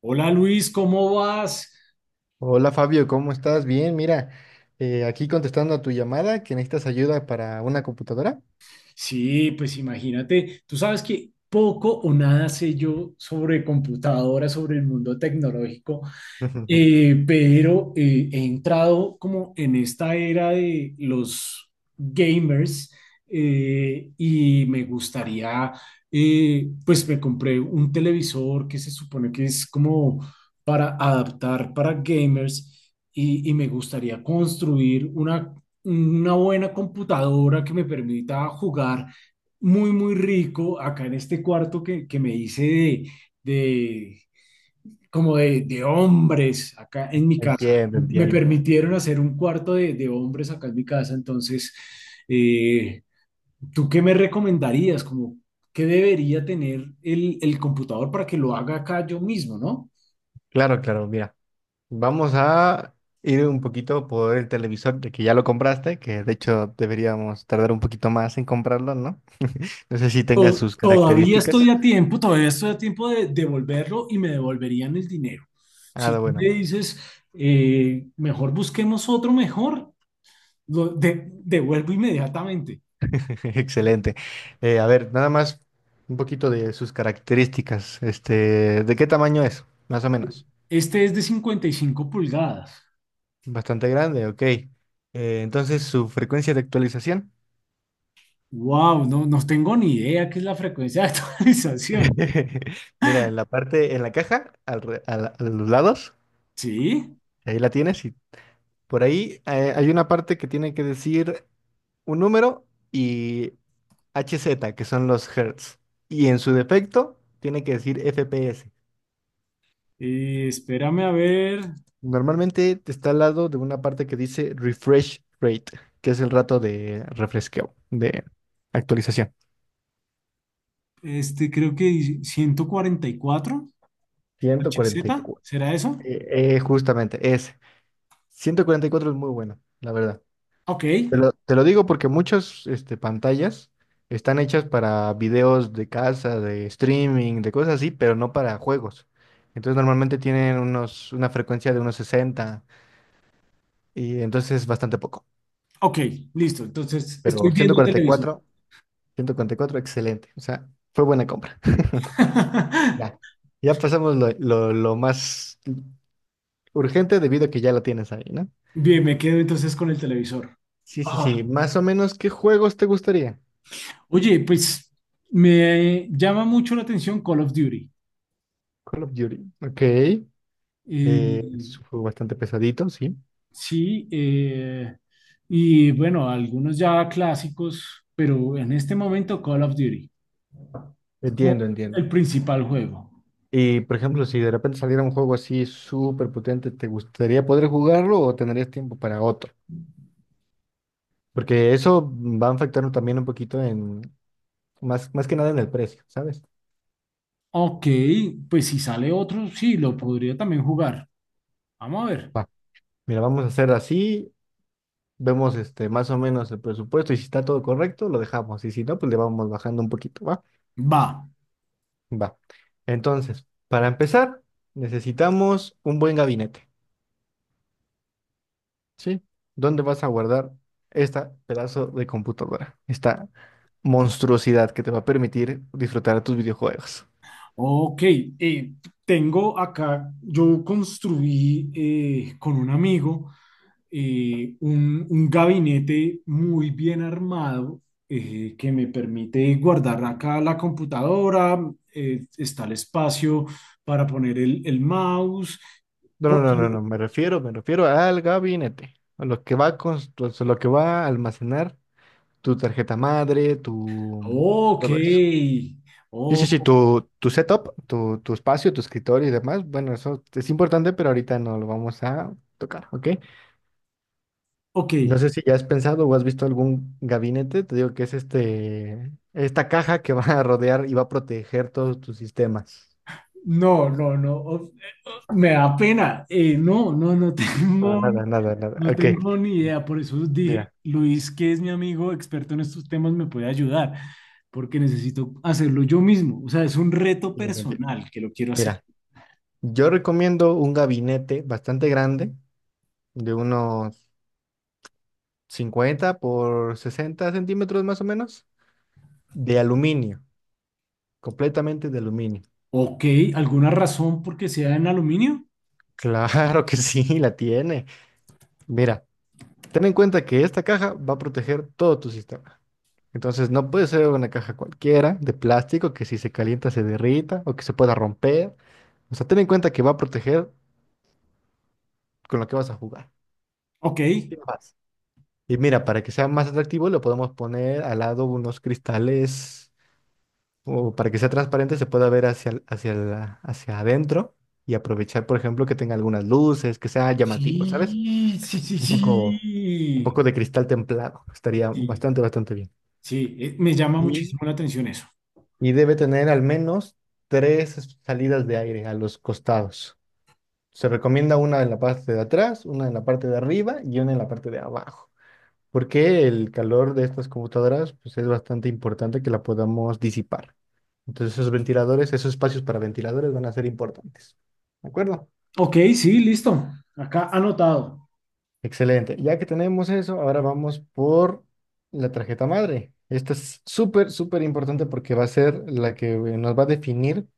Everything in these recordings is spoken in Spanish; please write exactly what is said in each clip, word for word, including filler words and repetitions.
Hola Luis, ¿cómo vas? Hola Fabio, ¿cómo estás? Bien, mira, eh, aquí contestando a tu llamada que necesitas ayuda para una computadora. Sí, pues imagínate, tú sabes que poco o nada sé yo sobre computadoras, sobre el mundo tecnológico. Eh, pero eh, he entrado como en esta era de los gamers eh, y me gustaría, eh, pues me compré un televisor que se supone que es como para adaptar para gamers y, y me gustaría construir una, una buena computadora que me permita jugar muy, muy rico acá en este cuarto que, que me hice de... de como de, de hombres acá en mi casa. Entiendo, Me entiendo. permitieron hacer un cuarto de, de hombres acá en mi casa. Entonces, eh, ¿tú qué me recomendarías? Como, ¿qué debería tener el, el computador para que lo haga acá yo mismo, no? Claro, claro, mira, vamos a ir un poquito por el televisor, de que ya lo compraste, que de hecho deberíamos tardar un poquito más en comprarlo, ¿no? No sé si tenga To- sus todavía características. estoy a tiempo, todavía estoy a tiempo de devolverlo y me devolverían el dinero. Si Ah, tú bueno, me dices, eh, mejor busquemos otro mejor, lo de- devuelvo inmediatamente. excelente. Eh, a ver, nada más un poquito de sus características. Este, ¿de qué tamaño es, más o menos? Este es de cincuenta y cinco pulgadas. Bastante grande, ok. Eh, entonces, su frecuencia de actualización. Wow, no, no tengo ni idea qué es la frecuencia de actualización. Mira, en la parte, en la caja, al re- a la- a los lados, Sí, ahí la tienes y por ahí eh, hay una parte que tiene que decir un número y H Z, que son los hertz. Y en su defecto, tiene que decir F P S. eh, espérame a ver, Normalmente está al lado de una parte que dice refresh rate, que es el rato de refresqueo, de actualización. este creo que ciento cuarenta y cuatro hertz, ciento cuarenta y cuatro. ¿será eso? Eh, eh, justamente, es ciento cuarenta y cuatro, es muy bueno, la verdad. Ok, Te lo, te lo digo porque muchas este, pantallas están hechas para videos de casa, de streaming, de cosas así, pero no para juegos. Entonces normalmente tienen unos, una frecuencia de unos sesenta y entonces es bastante poco. ok, listo. Entonces Pero estoy ciento ciento viendo el cuarenta televisor. cuarenta y cuatro ciento cuarenta y cuatro, excelente. O sea, fue buena compra. Ya. Ya pasamos lo, lo, lo más urgente debido a que ya lo tienes ahí, ¿no? Bien, me quedo entonces con el televisor. Sí, sí, sí. Ah, Más o menos, ¿qué juegos te gustaría? Oye, pues me llama mucho la atención Call of Duty. Call of Duty. Ok. Eh, Eh, Es un juego bastante pesadito, sí. Sí, eh, Y bueno, algunos ya clásicos, pero en este momento Call of Duty es Entiendo, como el entiendo. principal juego. Y por ejemplo, si de repente saliera un juego así súper potente, ¿te gustaría poder jugarlo o tendrías tiempo para otro? Porque eso va a afectar también un poquito en, más, más que nada en el precio, ¿sabes? Ok, pues si sale otro, sí, lo podría también jugar. Vamos a ver. Va, mira, vamos a hacer así, vemos este, más o menos el presupuesto y si está todo correcto, lo dejamos. Y si no, pues le vamos bajando un poquito, ¿va? Va. Va. Entonces, para empezar, necesitamos un buen gabinete. ¿Sí? ¿Dónde vas a guardar esta pedazo de computadora? Esta monstruosidad que te va a permitir disfrutar de tus videojuegos. Ok, eh, tengo acá, yo construí eh, con un amigo eh, un, un gabinete muy bien armado eh, que me permite guardar acá la computadora. Eh, está el espacio para poner el, el mouse. No, no, Porque... no, no, no, me refiero, me refiero al gabinete, a lo que va a constru- lo que va a almacenar tu tarjeta madre, tu Ok, todo eso. Sí, sí, sí, oh, tu, tu setup, tu, tu espacio, tu escritorio y demás, bueno, eso es importante, pero ahorita no lo vamos a tocar, ¿ok? No ok. sé si ya has pensado o has visto algún gabinete, te digo que es este, esta caja que va a rodear y va a proteger todos tus sistemas. No, no, no, me da pena. Eh, no, no, no No, tengo. nada, nada, nada. No Ok. tengo ni idea, por eso dije, Mira. Luis, que es mi amigo experto en estos temas, me puede ayudar, porque necesito hacerlo yo mismo. O sea, es un reto mira, conti- personal que lo quiero hacer. Mira, yo recomiendo un gabinete bastante grande, de unos cincuenta por sesenta centímetros más o menos, de aluminio, completamente de aluminio. Ok, ¿alguna razón por qué sea en aluminio? Claro que sí, la tiene. Mira. Ten en cuenta que esta caja va a proteger todo tu sistema. Entonces no puede ser una caja cualquiera de plástico que si se calienta se derrita o que se pueda romper. O sea, ten en cuenta que va a proteger con lo que vas a jugar. Ok. Sin más. Y mira, para que sea más atractivo, le podemos poner al lado unos cristales o para que sea transparente se pueda ver hacia, el- hacia, la- hacia adentro y aprovechar, por ejemplo, que tenga algunas luces, que sea llamativo, ¿sabes? Sí, sí, sí, Un poco, un sí. poco de cristal templado. Estaría Sí, bastante, bastante bien. sí, eh, me llama Y muchísimo la atención eso. y debe tener al menos tres salidas de aire a los costados. Se recomienda una en la parte de atrás, una en la parte de arriba y una en la parte de abajo, porque el calor de estas computadoras pues, es bastante importante que la podamos disipar. Entonces esos ventiladores, esos espacios para ventiladores van a ser importantes. ¿De acuerdo? Ok, sí, listo. Acá anotado. Excelente. Ya que tenemos eso, ahora vamos por la tarjeta madre. Esta es súper, súper importante porque va a ser la que eh, nos va a definir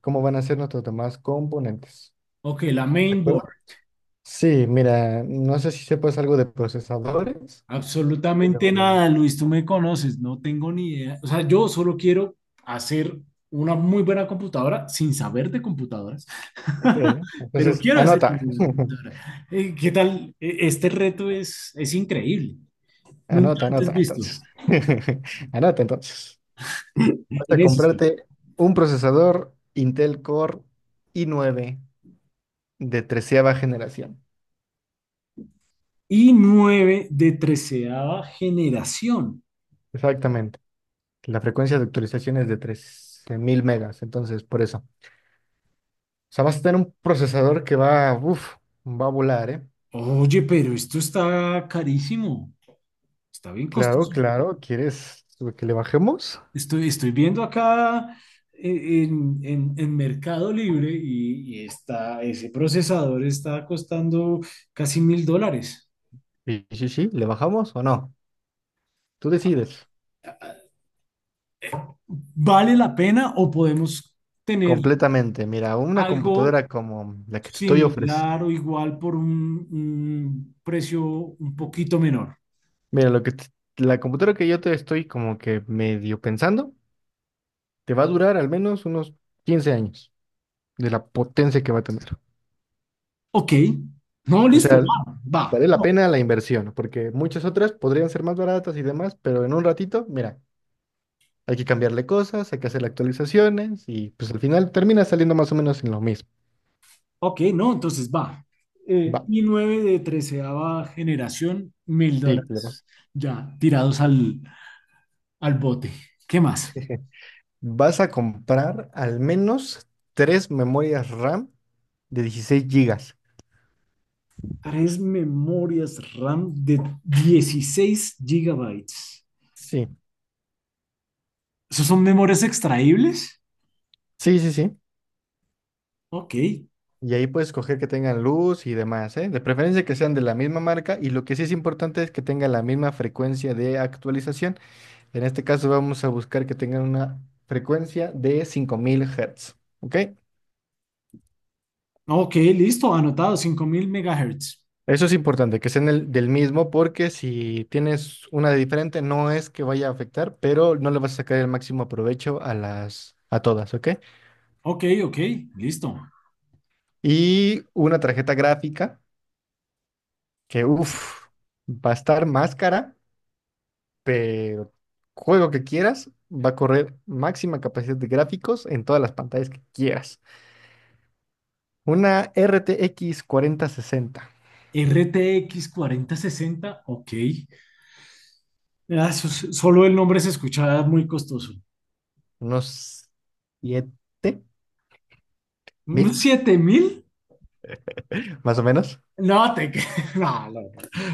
cómo van a ser nuestros demás componentes. Ok, la ¿De main door. acuerdo? Sí, mira, no sé si sepas algo de procesadores, Absolutamente pero... nada, Luis, tú me conoces, no tengo ni idea. O sea, yo solo quiero hacer una muy buena computadora sin saber de computadoras, Ok, pero entonces, quiero hacer una anota. buena computadora. Eh, ¿Qué tal? E- Este reto es, es increíble, nunca Anota, antes anota, visto. entonces. Anota, entonces. Vas En a eso estoy. comprarte un procesador Intel Core i nueve de treceava generación. Y nueve de treceava generación. Exactamente. La frecuencia de actualización es de trece mil megas, entonces por eso. O sea, vas a tener un procesador que va, uff, va a volar, ¿eh? Oye, pero esto está carísimo, está bien Claro, costoso. claro, ¿quieres que le bajemos? Estoy, estoy viendo acá eh, en, en- en Mercado Libre y, y está, ese procesador está costando casi mil dólares. Sí, sí, sí, ¿le bajamos o no? Tú decides. ¿Vale la pena o podemos tener Completamente. Mira, una algo computadora como la que te estoy ofreciendo. similar o igual por un, un precio un poquito menor? Mira, lo que te- La computadora que yo te estoy como que medio pensando, te va a durar al menos unos quince años de la potencia que va a tener. Ok, no, O listo, sea, va, va. vale la No, pena la inversión, porque muchas otras podrían ser más baratas y demás, pero en un ratito, mira, hay que cambiarle cosas, hay que hacer actualizaciones y pues al final termina saliendo más o menos en lo mismo. ok, no, entonces va. Eh, Va, i nueve de treceava generación, mil sí, claro. dólares, ya tirados al, al bote. ¿Qué más? Vas a comprar al menos tres memorias RAM de dieciséis gigas. Tres memorias RAM de dieciséis gigabytes. Sí, ¿Esos son memorias extraíbles? sí, sí, sí. Ok, Y ahí puedes coger que tengan luz y demás, ¿eh? De preferencia que sean de la misma marca y lo que sí es importante es que tengan la misma frecuencia de actualización. En este caso vamos a buscar que tengan una frecuencia de cinco mil Hz, ¿ok? ok, listo, anotado, cinco mil megahertz. Eso es importante, que sean el- del mismo, porque si tienes una de diferente, no es que vaya a afectar, pero no le vas a sacar el máximo provecho a las, a todas, ¿ok? Ok, ok, listo. Y una tarjeta gráfica que, uff, va a estar más cara, pero juego que quieras, va a correr máxima capacidad de gráficos en todas las pantallas que quieras. Una R T X sesenta. R T X cuarenta sesenta, ok. Ah, eso solo el nombre se escuchaba muy costoso. Unos siete mil, ¿Siete mil? más o menos. No, te... cre- no, no,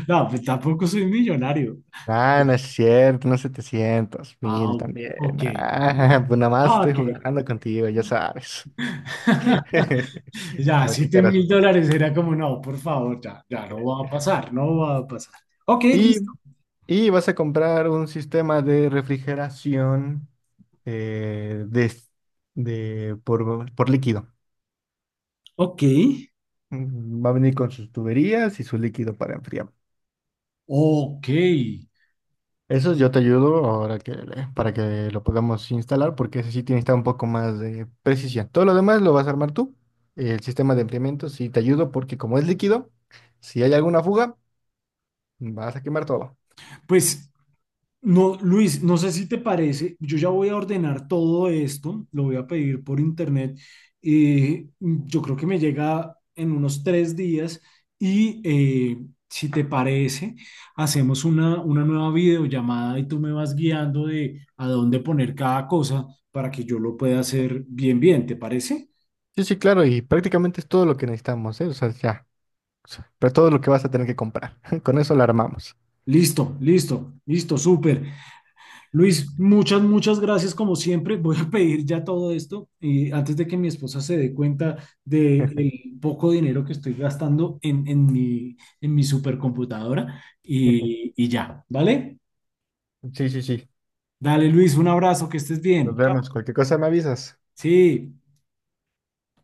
no, pues tampoco soy millonario. Ah, no es cierto, unos setecientos mil Wow, también. ok. Ok. Ah, pues nada más Ah, estoy ok. jugando contigo, ya sabes. Ya, A ver qué siete caras me mil pone. dólares era como, no, por favor, ya, ya no va a pasar, no va a pasar. Ok, Y, listo. y vas a comprar un sistema de refrigeración eh, de, de- por, por líquido. Ok, Mm, va a venir con sus tuberías y su líquido para enfriar. ok, Eso yo te ayudo ahora que le- para que lo podamos instalar, porque ese sí tiene que estar un poco más de precisión. Todo lo demás lo vas a armar tú. El sistema de enfriamiento sí te ayudo porque como es líquido, si hay alguna fuga, vas a quemar todo. pues no, Luis, no sé si te parece, yo ya voy a ordenar todo esto, lo voy a pedir por internet y yo creo que me llega en unos tres días y eh, si te parece, hacemos una, una nueva videollamada y tú me vas guiando de a dónde poner cada cosa para que yo lo pueda hacer bien, bien, ¿te parece? Sí, sí, claro, y prácticamente es todo lo que necesitamos, ¿eh? O sea, ya, o sea, pero todo lo que vas a tener que comprar. Con eso lo armamos. Listo, listo, listo, súper. Luis, muchas, muchas gracias como siempre. Voy a pedir ya todo esto eh, antes de que mi esposa se dé cuenta del poco dinero que estoy gastando en, en mi, en mi supercomputadora y, y ya, ¿vale? Sí, sí, sí. Dale, Luis, un abrazo, que estés Nos bien. Chao. vemos. Cualquier cosa me avisas. Sí.